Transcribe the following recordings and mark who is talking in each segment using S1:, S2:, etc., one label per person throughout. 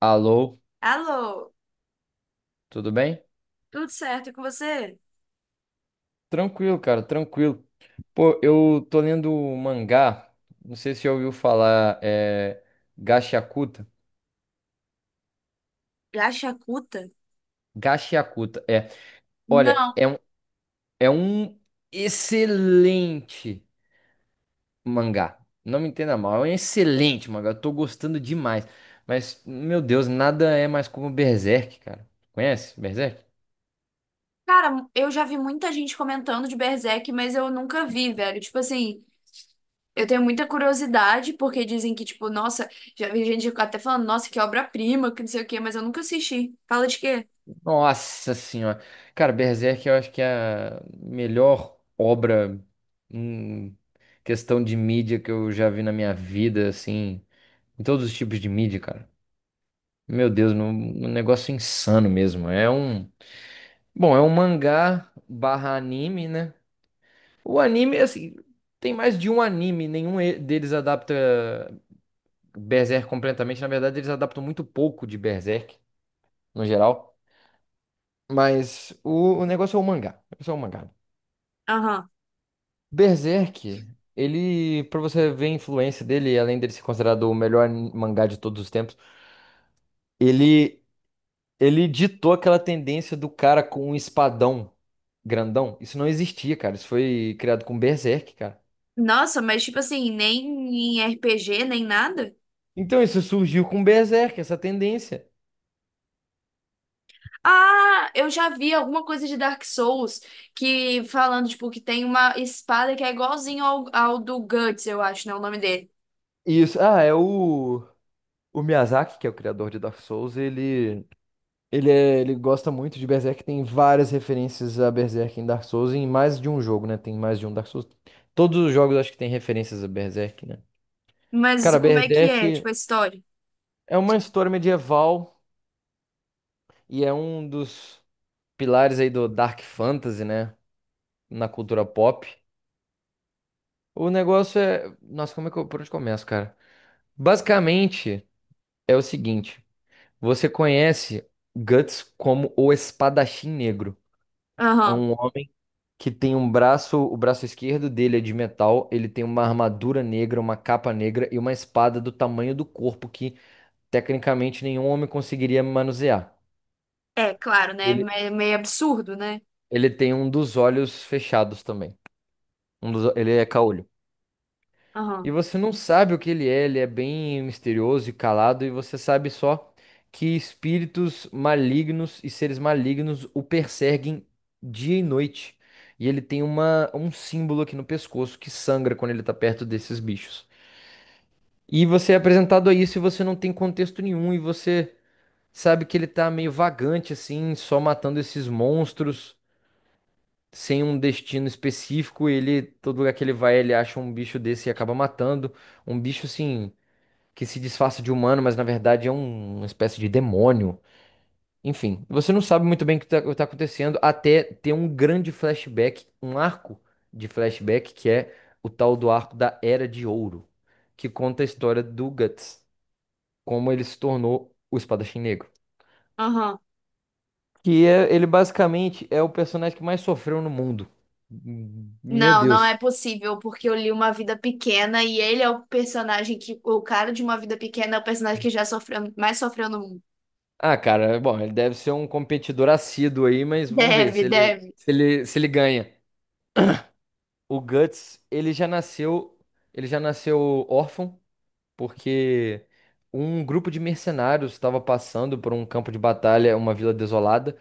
S1: Alô,
S2: Alô,
S1: tudo bem?
S2: tudo certo e com você?
S1: Tranquilo, cara, tranquilo. Pô, eu tô lendo um mangá, não sei se já ouviu falar, é Gachakuta.
S2: Já Yakuta?
S1: Gachakuta, é. Olha,
S2: Não.
S1: é um excelente mangá. Não me entenda mal, é um excelente mangá. Eu tô gostando demais. Mas, meu Deus, nada é mais como Berserk, cara. Conhece Berserk?
S2: Cara, eu já vi muita gente comentando de Berserk, mas eu nunca vi, velho. Tipo assim, eu tenho muita curiosidade, porque dizem que, tipo, nossa, já vi gente até falando, nossa, que obra-prima, que não sei o quê, mas eu nunca assisti. Fala de quê?
S1: Nossa senhora. Cara, Berserk eu acho que é a melhor obra em questão de mídia que eu já vi na minha vida, assim, em todos os tipos de mídia, cara. Meu Deus, um negócio insano mesmo. Bom, é um mangá barra anime, né? O anime, assim, tem mais de um anime, nenhum deles adapta Berserk completamente. Na verdade, eles adaptam muito pouco de Berserk, no geral. Mas o negócio é o mangá. O negócio é o mangá.
S2: Aham.
S1: Berserk, ele, pra você ver a influência dele, além dele ser considerado o melhor mangá de todos os tempos, ele, ele ditou aquela tendência do cara com um espadão grandão. Isso não existia, cara. Isso foi criado com Berserk, cara.
S2: Nossa, mas tipo assim, nem em RPG, nem nada?
S1: Então isso surgiu com Berserk, essa tendência.
S2: Ah, eu já vi alguma coisa de Dark Souls que falando, tipo, que tem uma espada que é igualzinho ao, ao do Guts, eu acho, né? O nome dele.
S1: E isso, ah, é o Miyazaki, que é o criador de Dark Souls. Ele gosta muito de Berserk, tem várias referências a Berserk em Dark Souls, e em mais de um jogo, né? Tem mais de um Dark Souls. Todos os jogos acho que tem referências a Berserk, né?
S2: Mas
S1: Cara,
S2: como é que é,
S1: Berserk
S2: tipo, a história?
S1: é uma história medieval e é um dos pilares aí do Dark Fantasy, né? Na cultura pop. O negócio é. Nossa, como é que eu. Por onde começo, cara? Basicamente é o seguinte: você conhece Guts como o Espadachim Negro. É
S2: Aham.
S1: um homem que tem um braço, o braço esquerdo dele é de metal, ele tem uma armadura negra, uma capa negra e uma espada do tamanho do corpo que tecnicamente nenhum homem conseguiria manusear.
S2: É, claro, né?
S1: Ele,
S2: Meio absurdo, né?
S1: ele tem um dos olhos fechados também. Ele é caolho. E
S2: Aham.
S1: você não sabe o que ele é bem misterioso e calado, e você sabe só que espíritos malignos e seres malignos o perseguem dia e noite. E ele tem um símbolo aqui no pescoço que sangra quando ele tá perto desses bichos. E você é apresentado a isso e você não tem contexto nenhum e você sabe que ele tá meio vagante assim, só matando esses monstros sem um destino específico. Todo lugar que ele vai, ele acha um bicho desse e acaba matando. Um bicho assim que se disfarça de humano, mas na verdade é uma espécie de demônio. Enfim, você não sabe muito bem o que tá acontecendo até ter um grande flashback, um arco de flashback que é o tal do arco da Era de Ouro, que conta a história do Guts como ele se tornou o Espadachim Negro.
S2: Aham.
S1: Que é, ele basicamente é o personagem que mais sofreu no mundo. Meu
S2: Não, não é
S1: Deus.
S2: possível, porque eu li Uma Vida Pequena e ele é o personagem que. O cara de Uma Vida Pequena é o personagem que já sofreu, mais sofreu no mundo.
S1: Ah, cara, bom, ele deve ser um competidor assíduo aí, mas vamos ver
S2: Deve,
S1: se ele,
S2: deve.
S1: se ele, se ele ganha. O Guts, ele já nasceu órfão, porque um grupo de mercenários estava passando por um campo de batalha, uma vila desolada,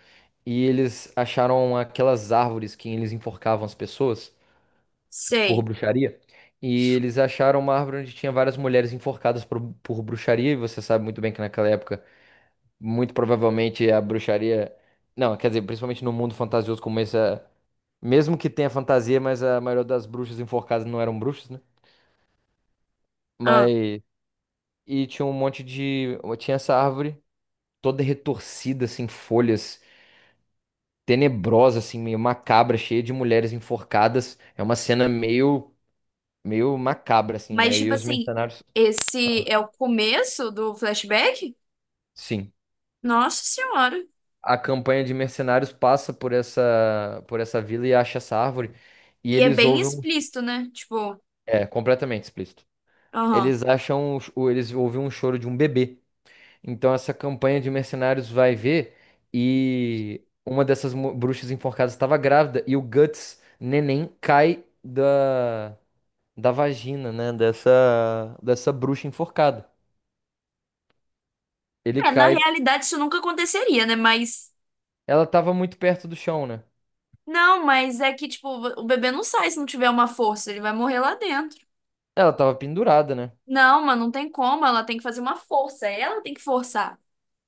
S1: e eles acharam aquelas árvores que eles enforcavam as pessoas por
S2: Sei.
S1: bruxaria. E eles acharam uma árvore onde tinha várias mulheres enforcadas por bruxaria. E você sabe muito bem que naquela época, muito provavelmente a bruxaria. Não, quer dizer, principalmente no mundo fantasioso como esse, mesmo que tenha fantasia, mas a maioria das bruxas enforcadas não eram bruxas, né?
S2: Ah.
S1: Mas. E tinha um monte de. Tinha essa árvore toda retorcida, assim, folhas, tenebrosa, assim, meio macabra, cheia de mulheres enforcadas. É uma cena meio macabra, assim,
S2: Mas,
S1: né? E
S2: tipo
S1: os
S2: assim,
S1: mercenários.
S2: esse é o começo do flashback?
S1: Sim.
S2: Nossa Senhora.
S1: A campanha de mercenários passa por essa vila e acha essa árvore e
S2: E é
S1: eles
S2: bem
S1: ouvem um-.
S2: explícito, né? Tipo,
S1: É completamente explícito.
S2: aham.
S1: Eles ouvem um choro de um bebê. Então essa campanha de mercenários vai ver e uma dessas bruxas enforcadas estava grávida e o Guts neném cai da vagina, né, dessa bruxa enforcada. Ele
S2: É, na
S1: cai,
S2: realidade isso nunca aconteceria, né? Mas.
S1: ela estava muito perto do chão, né?
S2: Não, mas é que, tipo, o bebê não sai se não tiver uma força, ele vai morrer lá dentro.
S1: Ela estava pendurada, né?
S2: Não, mas não tem como, ela tem que fazer uma força, ela tem que forçar.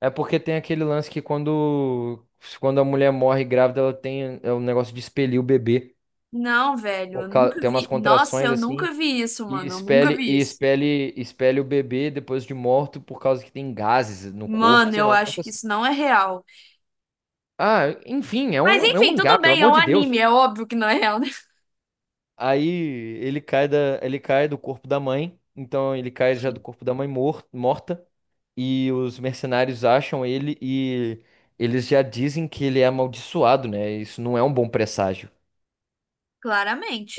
S1: É porque tem aquele lance que quando a mulher morre grávida, ela tem é um negócio de expelir o bebê.
S2: Não, velho, eu nunca
S1: Tem umas
S2: vi. Nossa,
S1: contrações
S2: eu
S1: assim,
S2: nunca vi isso,
S1: e
S2: mano, eu nunca
S1: expele,
S2: vi
S1: e
S2: isso.
S1: expele, expele o bebê depois de morto por causa que tem gases no corpo,
S2: Mano,
S1: sei
S2: eu
S1: lá, um
S2: acho
S1: negócio
S2: que
S1: assim.
S2: isso não é real.
S1: Ah, enfim, é
S2: Mas
S1: um, é um
S2: enfim,
S1: mangá,
S2: tudo
S1: pelo
S2: bem, é
S1: amor
S2: um
S1: de Deus.
S2: anime, é óbvio que não é real, né?
S1: Aí ele cai do corpo da mãe, então ele cai já do corpo da mãe morta, e os mercenários acham ele e eles já dizem que ele é amaldiçoado, né? Isso não é um bom presságio.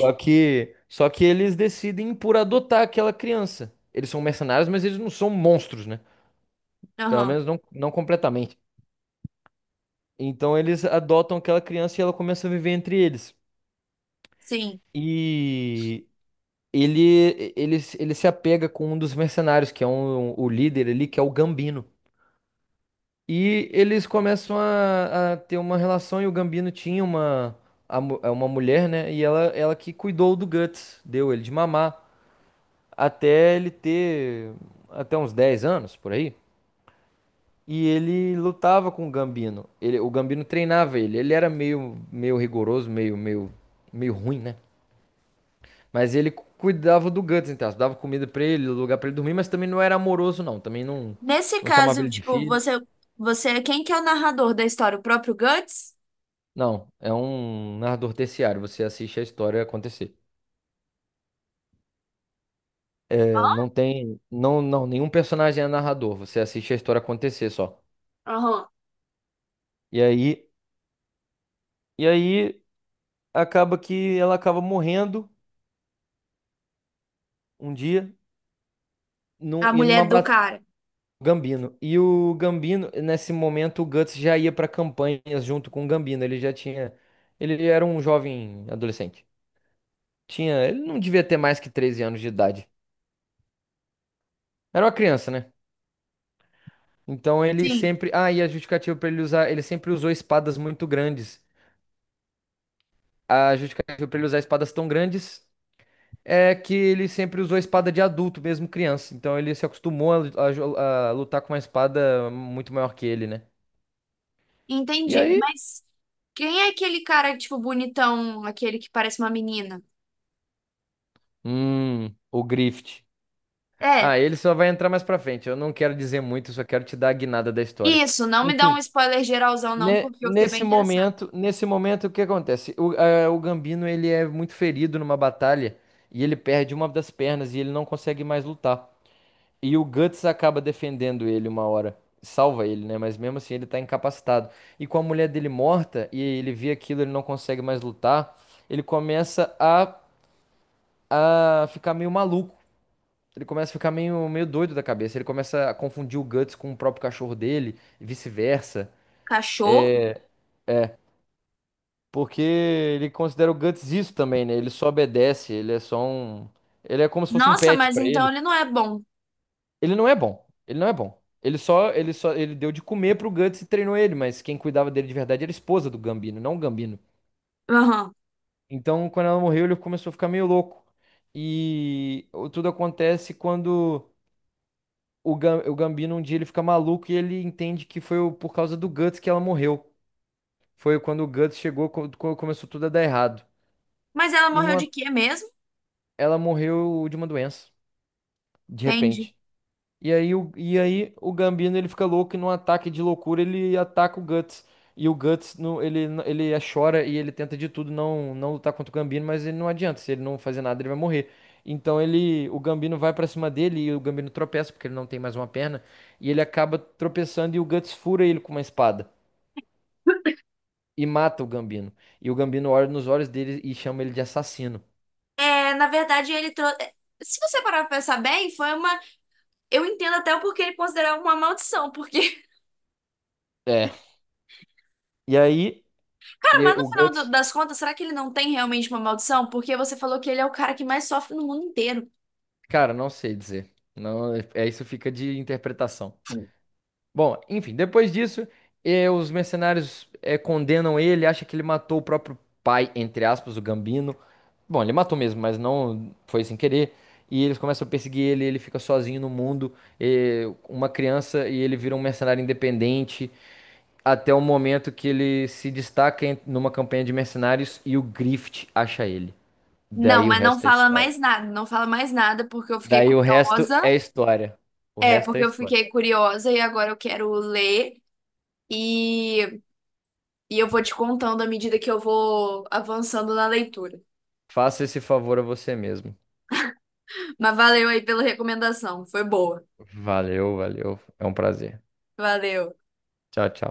S1: Só que, só que eles decidem por adotar aquela criança. Eles são mercenários, mas eles não são monstros, né? Pelo
S2: Aham,
S1: menos não, não completamente. Então eles adotam aquela criança e ela começa a viver entre eles.
S2: sim.
S1: E ele se apega com um dos mercenários, que é um, o líder ali, que é o Gambino. E eles começam a ter uma relação, e o Gambino tinha uma, a mu- é uma mulher, né? E ela que cuidou do Guts, deu ele de mamar, até ele ter até uns 10 anos, por aí. E ele lutava com o Gambino. O Gambino treinava ele. Ele era meio rigoroso, meio ruim, né? Mas ele cuidava do Guts, então, dava comida pra ele, lugar pra ele dormir, mas também não era amoroso, não. Também não,
S2: Nesse
S1: não chamava
S2: caso,
S1: ele de
S2: tipo,
S1: filho.
S2: você, é quem que é o narrador da história? O próprio Guts?
S1: Não, é um narrador terciário, você assiste a história acontecer. É, não tem, não, não, nenhum personagem é narrador, você assiste a história acontecer só.
S2: Aham.
S1: E aí, e aí acaba que ela acaba morrendo um dia
S2: A
S1: numa
S2: mulher do
S1: batalha.
S2: cara.
S1: Gambino. E o Gambino, nesse momento, o Guts já ia pra campanhas junto com o Gambino. Ele já tinha. Ele era um jovem adolescente. Ele não devia ter mais que 13 anos de idade. Era uma criança, né? Então ele
S2: Sim.
S1: sempre. Ah, e a justificativa pra ele usar. Ele sempre usou espadas muito grandes. A justificativa pra ele usar espadas tão grandes é que ele sempre usou espada de adulto, mesmo criança. Então ele se acostumou a lutar com uma espada muito maior que ele, né? E
S2: Entendi.
S1: aí?
S2: Mas quem é aquele cara, tipo, bonitão, aquele que parece uma menina?
S1: O Grift.
S2: É.
S1: Ah, ele só vai entrar mais pra frente. Eu não quero dizer muito. Eu só quero te dar a guinada da história.
S2: Isso, não me dá um
S1: Enfim.
S2: spoiler geralzão, não,
S1: Ne-
S2: porque eu fiquei bem
S1: nesse
S2: interessada.
S1: momento, nesse momento, o que acontece? O Gambino ele é muito ferido numa batalha e ele perde uma das pernas e ele não consegue mais lutar. E o Guts acaba defendendo ele uma hora, salva ele, né? Mas mesmo assim ele tá incapacitado. E com a mulher dele morta e ele vê aquilo, ele não consegue mais lutar, ele começa a ficar meio maluco. Ele começa a ficar meio doido da cabeça. Ele começa a confundir o Guts com o próprio cachorro dele, e vice-versa.
S2: Cachorro?
S1: É, é, porque ele considera o Guts isso também, né? Ele só obedece, ele é só um. Ele é como se fosse um
S2: Nossa,
S1: pet
S2: mas
S1: pra
S2: então
S1: ele.
S2: ele não é bom.
S1: Ele não é bom. Ele não é bom. Ele deu de comer pro Guts e treinou ele, mas quem cuidava dele de verdade era a esposa do Gambino, não o Gambino.
S2: Aham.
S1: Então, quando ela morreu, ele começou a ficar meio louco. Tudo acontece quando o Gambino um dia ele fica maluco e ele entende que foi por causa do Guts que ela morreu. Foi quando o Guts chegou, começou tudo a dar errado.
S2: Mas ela
S1: E
S2: morreu de
S1: numa-
S2: quê mesmo?
S1: ela morreu de uma doença. De
S2: Entende?
S1: repente. E aí o Gambino ele fica louco e num ataque de loucura ele ataca o Guts. E o Guts no, ele é, chora e ele tenta de tudo não não lutar contra o Gambino, mas ele não adianta, se ele não fazer nada ele vai morrer. Então ele o Gambino vai pra cima dele e o Gambino tropeça porque ele não tem mais uma perna e ele acaba tropeçando e o Guts fura ele com uma espada e mata o Gambino. E o Gambino olha nos olhos dele e chama ele de assassino.
S2: É, na verdade, ele trouxe. Se você parar pra pensar bem, foi uma. Eu entendo até o porquê ele considerava uma maldição. Porque,
S1: É. E aí,
S2: cara, mas no
S1: o
S2: final
S1: Guts.
S2: das contas, será que ele não tem realmente uma maldição? Porque você falou que ele é o cara que mais sofre no mundo inteiro.
S1: Cara, não sei dizer. Não, é isso fica de interpretação. Bom, enfim, depois disso, os mercenários condenam ele, acha que ele matou o próprio pai, entre aspas, o Gambino. Bom, ele matou mesmo, mas não foi sem querer. E eles começam a perseguir ele, ele fica sozinho no mundo, uma criança, e ele vira um mercenário independente, até o momento que ele se destaca numa campanha de mercenários e o Grift acha ele.
S2: Não,
S1: Daí o
S2: mas não
S1: resto é
S2: fala
S1: história.
S2: mais nada, não fala mais nada porque eu fiquei
S1: Daí o resto
S2: curiosa.
S1: é história. O
S2: É,
S1: resto é
S2: porque eu
S1: história.
S2: fiquei curiosa e agora eu quero ler e, e eu vou te contando à medida que eu vou avançando na leitura.
S1: Faça esse favor a você mesmo.
S2: Mas valeu aí pela recomendação, foi boa.
S1: Valeu, valeu. É um prazer.
S2: Valeu.
S1: Tchau, tchau.